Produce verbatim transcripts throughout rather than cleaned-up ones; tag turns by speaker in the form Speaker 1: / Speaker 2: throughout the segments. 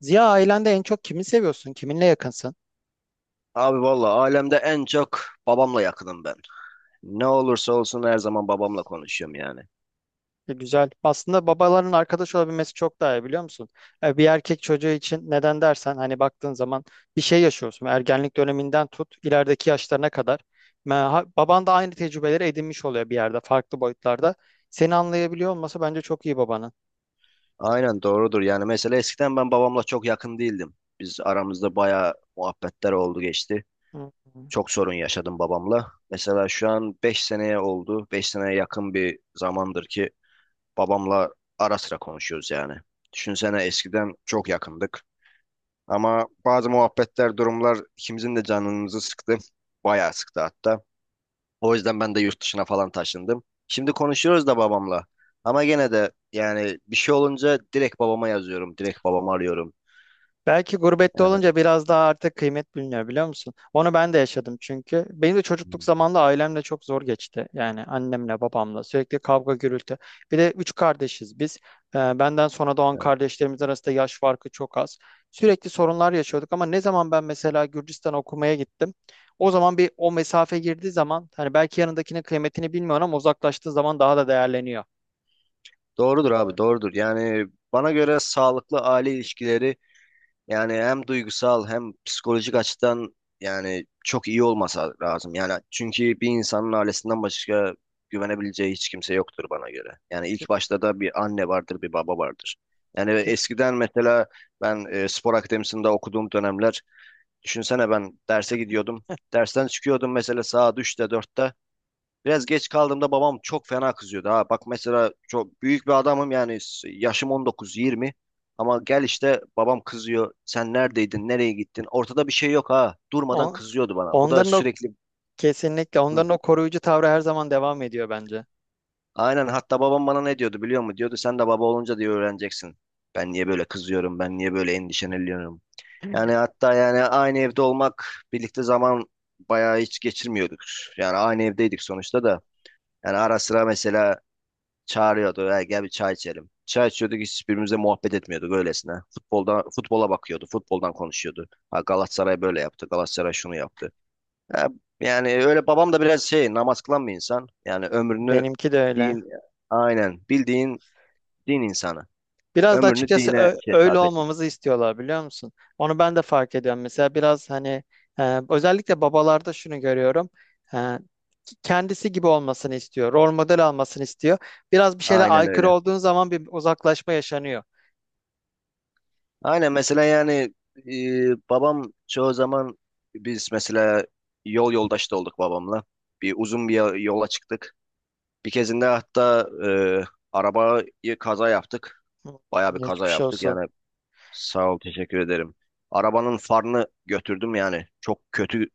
Speaker 1: Ziya, ailende en çok kimi seviyorsun? Kiminle yakınsın?
Speaker 2: Abi valla alemde en çok babamla yakınım ben. Ne olursa olsun her zaman babamla konuşuyorum yani.
Speaker 1: E, güzel. Aslında babaların arkadaş olabilmesi çok daha iyi, biliyor musun? E, bir erkek çocuğu için neden dersen, hani baktığın zaman bir şey yaşıyorsun. Ergenlik döneminden tut ilerideki yaşlarına kadar. Ma- ha- Baban da aynı tecrübeleri edinmiş oluyor bir yerde, farklı boyutlarda. Seni anlayabiliyor olması bence çok iyi babanın.
Speaker 2: Aynen doğrudur yani mesela eskiden ben babamla çok yakın değildim. Biz aramızda bayağı muhabbetler oldu geçti.
Speaker 1: Hı.
Speaker 2: Çok sorun yaşadım babamla. Mesela şu an beş seneye oldu. Beş seneye yakın bir zamandır ki babamla ara sıra konuşuyoruz yani. Düşünsene eskiden çok yakındık. Ama bazı muhabbetler, durumlar ikimizin de canımızı sıktı. Bayağı sıktı hatta. O yüzden ben de yurt dışına falan taşındım. Şimdi konuşuyoruz da babamla. Ama gene de yani bir şey olunca direkt babama yazıyorum. Direkt babamı arıyorum.
Speaker 1: Belki gurbette
Speaker 2: Yani,
Speaker 1: olunca biraz daha artık kıymet biliniyor, biliyor musun? Onu ben de yaşadım çünkü. Benim de çocukluk
Speaker 2: hmm,
Speaker 1: zamanında ailemle çok zor geçti. Yani annemle babamla sürekli kavga gürültü. Bir de üç kardeşiz biz. Ee, benden sonra doğan
Speaker 2: evet.
Speaker 1: kardeşlerimiz arasında yaş farkı çok az. Sürekli sorunlar yaşıyorduk, ama ne zaman ben mesela Gürcistan okumaya gittim. O zaman bir o mesafe girdiği zaman, hani belki yanındakinin kıymetini bilmiyorum ama uzaklaştığı zaman daha da değerleniyor.
Speaker 2: Doğrudur abi, doğrudur. Yani bana göre sağlıklı aile ilişkileri, yani hem duygusal hem psikolojik açıdan, yani çok iyi olmasa lazım. Yani çünkü bir insanın ailesinden başka güvenebileceği hiç kimse yoktur bana göre. Yani
Speaker 1: Ke-
Speaker 2: ilk başta da bir anne vardır, bir baba vardır. Yani
Speaker 1: ke-
Speaker 2: eskiden mesela ben e, spor akademisinde okuduğum dönemler, düşünsene ben derse gidiyordum. Dersten çıkıyordum mesela saat üçte dörtte. Biraz geç kaldığımda babam çok fena kızıyordu ha. Bak mesela çok büyük bir adamım yani, s- yaşım on dokuz yirmi, ama gel işte babam kızıyor. Sen neredeydin? Nereye gittin? Ortada bir şey yok ha. Durmadan
Speaker 1: on-
Speaker 2: kızıyordu bana. Bu da
Speaker 1: Onların o,
Speaker 2: sürekli.
Speaker 1: kesinlikle
Speaker 2: Hı.
Speaker 1: onların o koruyucu tavrı her zaman devam ediyor bence.
Speaker 2: Aynen, hatta babam bana ne diyordu biliyor musun? Diyordu sen de baba olunca diye öğreneceksin. Ben niye böyle kızıyorum? Ben niye böyle endişeleniyorum? Yani hatta yani aynı evde olmak, birlikte zaman bayağı hiç geçirmiyorduk. Yani aynı evdeydik sonuçta da. Yani ara sıra mesela çağırıyordu. "Ya gel bir çay içelim." Çay içiyorduk, hiçbirimizle muhabbet etmiyorduk öylesine. Futbolda, futbola bakıyordu. Futboldan konuşuyordu. Ha, Galatasaray böyle yaptı. Galatasaray şunu yaptı. Ya, yani öyle babam da biraz şey namaz kılan bir insan. Yani ömrünü
Speaker 1: Benimki de öyle.
Speaker 2: din, aynen bildiğin din insanı.
Speaker 1: Biraz da
Speaker 2: Ömrünü
Speaker 1: açıkçası
Speaker 2: dine
Speaker 1: ö-
Speaker 2: şey
Speaker 1: öyle
Speaker 2: sarf etmiş.
Speaker 1: olmamızı istiyorlar, biliyor musun? Onu ben de fark ediyorum. Mesela biraz hani e, özellikle babalarda şunu görüyorum. E, Kendisi gibi olmasını istiyor. Rol model almasını istiyor. Biraz bir şeyle
Speaker 2: Aynen
Speaker 1: aykırı
Speaker 2: öyle.
Speaker 1: olduğun zaman bir uzaklaşma yaşanıyor.
Speaker 2: Aynen mesela yani, e, babam çoğu zaman, biz mesela yol yoldaşı da olduk babamla. Bir uzun bir yo- yola çıktık. Bir kezinde hatta e, arabayı kaza yaptık.
Speaker 1: Hı.
Speaker 2: Bayağı bir kaza
Speaker 1: Geçmiş
Speaker 2: yaptık.
Speaker 1: olsun.
Speaker 2: Yani sağ ol, teşekkür ederim. Arabanın farını götürdüm yani. Çok kötü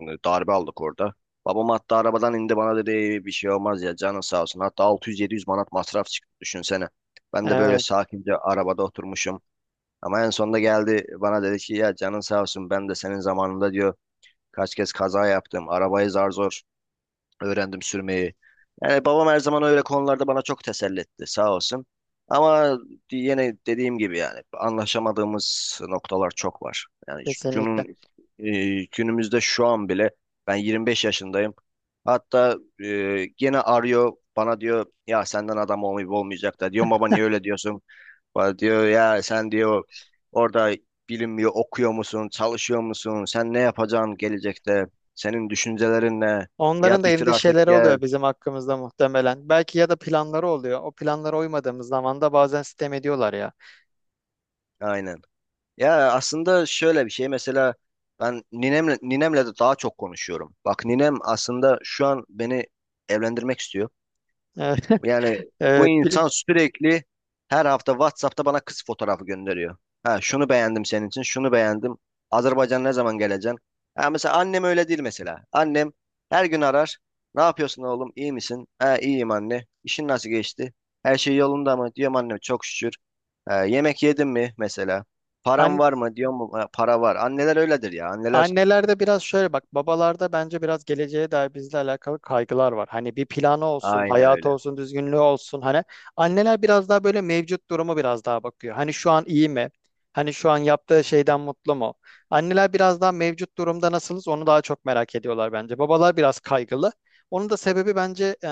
Speaker 2: e, darbe aldık orada. Babam hatta arabadan indi, bana dedi "Ey, bir şey olmaz ya, canın sağ olsun." Hatta altı yüz yedi yüz manat masraf çıktı düşünsene. Ben de böyle
Speaker 1: Evet,
Speaker 2: sakince arabada oturmuşum. Ama en sonunda geldi bana dedi ki ya canın sağ olsun, ben de senin zamanında diyor kaç kez kaza yaptım. Arabayı zar zor öğrendim sürmeyi. Yani babam her zaman öyle konularda bana çok teselli etti, sağ olsun. Ama yine dediğim gibi yani anlaşamadığımız noktalar çok var. Yani
Speaker 1: kesinlikle.
Speaker 2: günün, e, günümüzde şu an bile ben yirmi beş yaşındayım. Hatta e, gene arıyor bana, diyor ya senden adam olmayıp olmayacak da, diyorum baba niye öyle diyorsun? Bana diyor ya sen diyor orada bilinmiyor, okuyor musun, çalışıyor musun, sen ne yapacaksın gelecekte, senin düşüncelerin ne? Ya
Speaker 1: Onların da
Speaker 2: bitir artık
Speaker 1: endişeleri
Speaker 2: gel.
Speaker 1: oluyor bizim hakkımızda muhtemelen. Belki ya da planları oluyor. O planlara uymadığımız zaman da bazen sitem ediyorlar ya.
Speaker 2: Aynen. Ya aslında şöyle bir şey mesela, ben ninemle, ninemle de daha çok konuşuyorum. Bak ninem aslında şu an beni evlendirmek istiyor. Yani bu
Speaker 1: Evet,
Speaker 2: insan sürekli her hafta WhatsApp'ta bana kız fotoğrafı gönderiyor. Ha şunu beğendim senin için, şunu beğendim. Azerbaycan ne zaman geleceksin? Ha mesela annem öyle değil mesela. Annem her gün arar. Ne yapıyorsun oğlum? İyi misin? Ha, iyiyim anne. İşin nasıl geçti? Her şey yolunda mı? Diyorum annem çok şükür. Ha, yemek yedin mi mesela? Param var
Speaker 1: evet.
Speaker 2: mı? Diyorum "Ha, para var." Anneler öyledir ya. Anneler
Speaker 1: Annelerde biraz şöyle bak, babalarda bence biraz geleceğe dair bizle alakalı kaygılar var. Hani bir planı olsun,
Speaker 2: aynen
Speaker 1: hayatı
Speaker 2: öyle.
Speaker 1: olsun, düzgünlüğü olsun. Hani anneler biraz daha böyle mevcut durumu biraz daha bakıyor. Hani şu an iyi mi? Hani şu an yaptığı şeyden mutlu mu? Anneler biraz daha mevcut durumda nasılız onu daha çok merak ediyorlar bence. Babalar biraz kaygılı. Onun da sebebi bence e,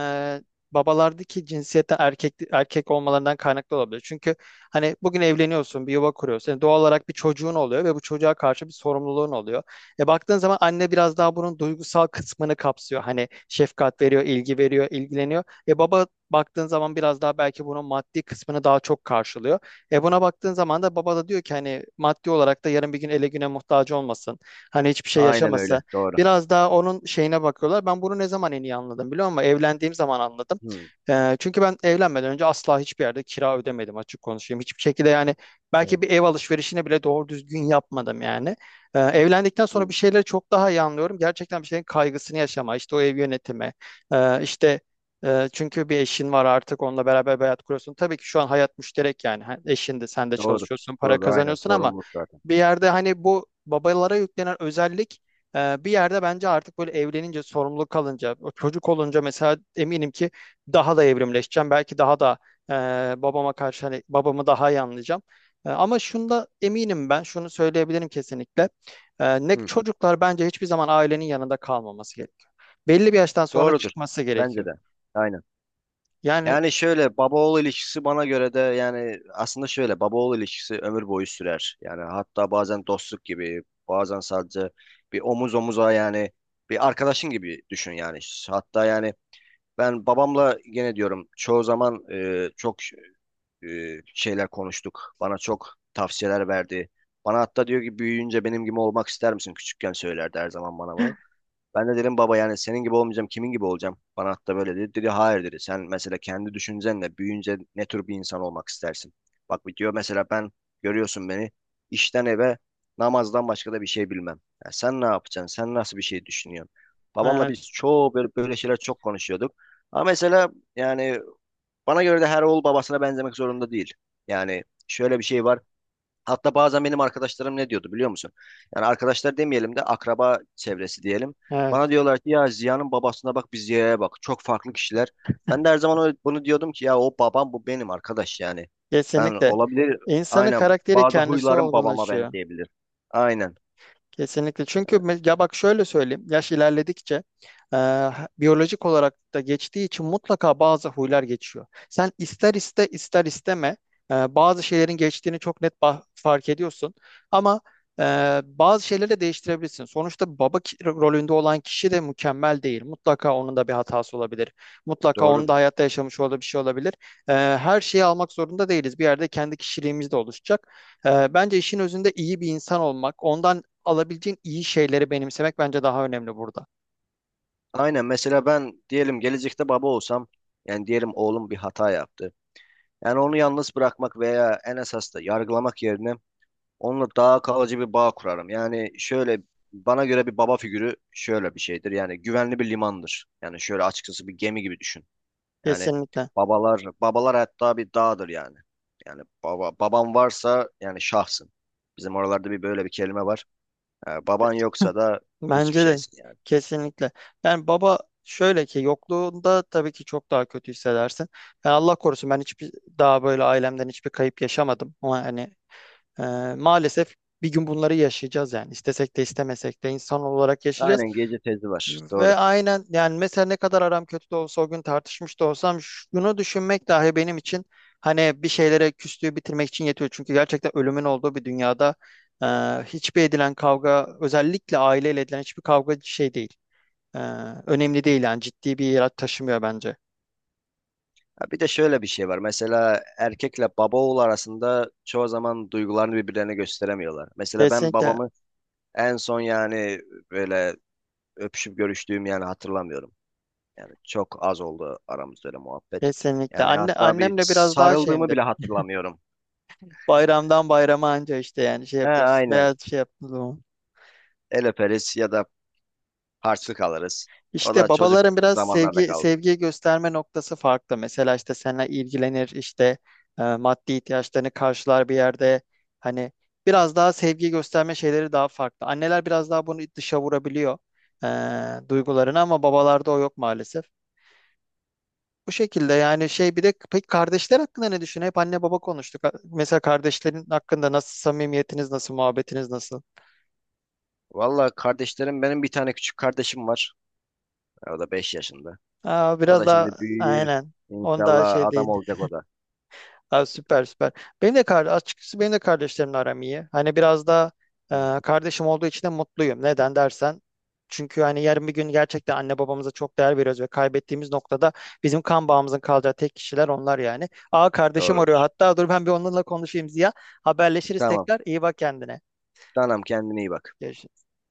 Speaker 1: babalardaki cinsiyete erkek erkek olmalarından kaynaklı olabilir. Çünkü hani bugün evleniyorsun, bir yuva kuruyorsun. Yani doğal olarak bir çocuğun oluyor ve bu çocuğa karşı bir sorumluluğun oluyor. E baktığın zaman anne biraz daha bunun duygusal kısmını kapsıyor. Hani şefkat veriyor, ilgi veriyor, ilgileniyor. E baba baktığın zaman biraz daha belki bunun maddi kısmını daha çok karşılıyor. E buna baktığın zaman da baba da diyor ki hani maddi olarak da yarın bir gün ele güne muhtaç olmasın. Hani hiçbir şey
Speaker 2: Aynen
Speaker 1: yaşamasın.
Speaker 2: öyle. Doğru.
Speaker 1: Biraz daha onun şeyine bakıyorlar. Ben bunu ne zaman en iyi anladım biliyor musun? Evlendiğim zaman anladım.
Speaker 2: Hı,
Speaker 1: E, çünkü ben evlenmeden önce asla hiçbir yerde kira ödemedim, açık konuşayım. Hiçbir şekilde yani
Speaker 2: evet.
Speaker 1: belki bir ev alışverişini bile doğru düzgün yapmadım yani. Ee, evlendikten sonra bir
Speaker 2: Hı,
Speaker 1: şeyleri çok daha iyi anlıyorum. Gerçekten bir şeyin kaygısını yaşama, işte o ev yönetimi, ee, işte e, çünkü bir eşin var artık, onunla beraber bir hayat kuruyorsun. Tabii ki şu an hayat müşterek yani. Ha, eşin de sen de
Speaker 2: doğru.
Speaker 1: çalışıyorsun, para
Speaker 2: Doğru. Aynen.
Speaker 1: kazanıyorsun ama
Speaker 2: Sorumluluk zaten.
Speaker 1: bir yerde hani bu babalara yüklenen özellik, e, bir yerde bence artık böyle evlenince, sorumluluk kalınca, o çocuk olunca mesela eminim ki daha da evrimleşeceğim. Belki daha da e, babama karşı, hani babamı daha iyi anlayacağım. E, ama şunda eminim ben, şunu söyleyebilirim kesinlikle. Ee, ne
Speaker 2: Hı.
Speaker 1: çocuklar bence hiçbir zaman ailenin yanında kalmaması gerekiyor. Belli bir yaştan sonra
Speaker 2: Doğrudur.
Speaker 1: çıkması
Speaker 2: Bence
Speaker 1: gerekiyor.
Speaker 2: de. Aynen.
Speaker 1: Yani
Speaker 2: Yani şöyle baba oğul ilişkisi bana göre de, yani aslında şöyle baba oğul ilişkisi ömür boyu sürer. Yani hatta bazen dostluk gibi, bazen sadece bir omuz omuza, yani bir arkadaşın gibi düşün yani. Hatta yani ben babamla gene diyorum çoğu zaman, e, çok e, şeyler konuştuk. Bana çok tavsiyeler verdi. Bana hatta diyor ki büyüyünce benim gibi olmak ister misin? Küçükken söylerdi her zaman bana bunu. Ben de dedim baba yani senin gibi olmayacağım kimin gibi olacağım? Bana hatta böyle dedi. Dedi hayır dedi. Sen mesela kendi düşüncenle büyüyünce ne tür bir insan olmak istersin? Bak diyor mesela ben, görüyorsun beni, işten eve, namazdan başka da bir şey bilmem. Ya sen ne yapacaksın? Sen nasıl bir şey düşünüyorsun? Babamla
Speaker 1: evet,
Speaker 2: biz çoğu böyle, böyle şeyler çok konuşuyorduk. Ama mesela yani bana göre de her oğul babasına benzemek zorunda değil. Yani şöyle bir şey var. Hatta bazen benim arkadaşlarım ne diyordu biliyor musun? Yani arkadaşlar demeyelim de akraba çevresi diyelim.
Speaker 1: evet,
Speaker 2: Bana diyorlar ki ya Ziya'nın babasına bak bir Ziya'ya bak. Çok farklı kişiler. Ben de her zaman öyle- bunu diyordum ki ya o babam bu benim arkadaş yani. Ben
Speaker 1: kesinlikle
Speaker 2: olabilir
Speaker 1: insanın
Speaker 2: aynen
Speaker 1: karakteri
Speaker 2: bazı
Speaker 1: kendisi
Speaker 2: huylarım babama
Speaker 1: olgunlaşıyor.
Speaker 2: benzeyebilir. Aynen
Speaker 1: Kesinlikle. Çünkü me- ya bak, şöyle söyleyeyim. Yaş ilerledikçe e, biyolojik olarak da geçtiği için mutlaka bazı huylar geçiyor. Sen ister iste ister isteme e, bazı şeylerin geçtiğini çok net ba- fark ediyorsun. Ama e, bazı şeyleri de değiştirebilirsin. Sonuçta baba ki- rolünde olan kişi de mükemmel değil. Mutlaka onun da bir hatası olabilir. Mutlaka onun
Speaker 2: doğrudur.
Speaker 1: da hayatta yaşamış olduğu bir şey olabilir. E, her şeyi almak zorunda değiliz. Bir yerde kendi kişiliğimiz de oluşacak. E, bence işin özünde iyi bir insan olmak, ondan alabileceğin iyi şeyleri benimsemek bence daha önemli burada.
Speaker 2: Aynen mesela ben diyelim gelecekte baba olsam, yani diyelim oğlum bir hata yaptı. Yani onu yalnız bırakmak veya en esas da yargılamak yerine onunla daha kalıcı bir bağ kurarım. Yani şöyle bana göre bir baba figürü şöyle bir şeydir. Yani güvenli bir limandır. Yani şöyle açıkçası bir gemi gibi düşün. Yani
Speaker 1: Kesinlikle.
Speaker 2: babalar babalar hatta bir dağdır yani. Yani baba baban varsa yani şahsın. Bizim oralarda bir böyle bir kelime var. Ha, baban yoksa da hiçbir
Speaker 1: Bence de
Speaker 2: şeysin yani.
Speaker 1: kesinlikle. Yani baba, şöyle ki yokluğunda tabii ki çok daha kötü hissedersin. Yani Allah korusun, ben hiçbir daha böyle ailemden hiçbir kayıp yaşamadım. Ama hani e, maalesef bir gün bunları yaşayacağız yani. İstesek de istemesek de insan olarak yaşayacağız.
Speaker 2: Aynen gece tezi var.
Speaker 1: Ve
Speaker 2: Doğru.
Speaker 1: aynen yani mesela ne kadar aram kötü de olsa, o gün tartışmış da olsam, şunu düşünmek dahi benim için hani bir şeylere küslüğü bitirmek için yetiyor. Çünkü gerçekten ölümün olduğu bir dünyada e, hiçbir edilen kavga, özellikle aileyle edilen hiçbir kavga şey değil. E, Önemli değil yani, ciddi bir yer taşımıyor bence.
Speaker 2: Ha, bir de şöyle bir şey var. Mesela erkekle baba oğul arasında çoğu zaman duygularını birbirlerine gösteremiyorlar. Mesela ben
Speaker 1: Kesinlikle
Speaker 2: babamı en son yani böyle öpüşüp görüştüğüm yani hatırlamıyorum. Yani çok az oldu aramızda öyle muhabbet.
Speaker 1: kesinlikle.
Speaker 2: Yani
Speaker 1: Anne,
Speaker 2: hatta bir
Speaker 1: annemle biraz daha
Speaker 2: sarıldığımı
Speaker 1: şeyimdir.
Speaker 2: bile hatırlamıyorum.
Speaker 1: Bayramdan bayrama anca işte yani şey
Speaker 2: He
Speaker 1: yapıyoruz
Speaker 2: aynen.
Speaker 1: veya şey yaptığımız zaman.
Speaker 2: El öperiz ya da harçlık alırız. O
Speaker 1: İşte
Speaker 2: da çocuk
Speaker 1: babaların biraz
Speaker 2: zamanlarda
Speaker 1: sevgi
Speaker 2: kaldı.
Speaker 1: sevgi gösterme noktası farklı. Mesela işte seninle ilgilenir, işte e, maddi ihtiyaçlarını karşılar bir yerde. Hani biraz daha sevgi gösterme şeyleri daha farklı. Anneler biraz daha bunu dışa vurabiliyor, e, duygularını, ama babalarda o yok maalesef. Bu şekilde yani şey, bir de peki kardeşler hakkında ne düşün? Hep anne baba konuştuk. Mesela kardeşlerin hakkında nasıl samimiyetiniz, nasıl muhabbetiniz, nasıl?
Speaker 2: Valla kardeşlerim, benim bir tane küçük kardeşim var. O da beş yaşında.
Speaker 1: Aa,
Speaker 2: O
Speaker 1: biraz
Speaker 2: da
Speaker 1: daha
Speaker 2: şimdi büyür.
Speaker 1: aynen. Onu daha
Speaker 2: İnşallah
Speaker 1: şey değil.
Speaker 2: adam olacak o da.
Speaker 1: Ha, süper süper. Benim de kardeş, açıkçası benim de kardeşlerimle aram iyi. Hani biraz da
Speaker 2: Evet.
Speaker 1: e, kardeşim olduğu için de mutluyum. Neden dersen. Çünkü hani yarın bir gün gerçekten anne babamıza çok değer veriyoruz ve kaybettiğimiz noktada bizim kan bağımızın kalacağı tek kişiler onlar yani. Aa, kardeşim arıyor.
Speaker 2: Doğrudur.
Speaker 1: Hatta dur, ben bir onunla konuşayım Ziya. Haberleşiriz
Speaker 2: Tamam.
Speaker 1: tekrar. İyi bak kendine.
Speaker 2: Tamam kendine iyi bak.
Speaker 1: Görüşürüz.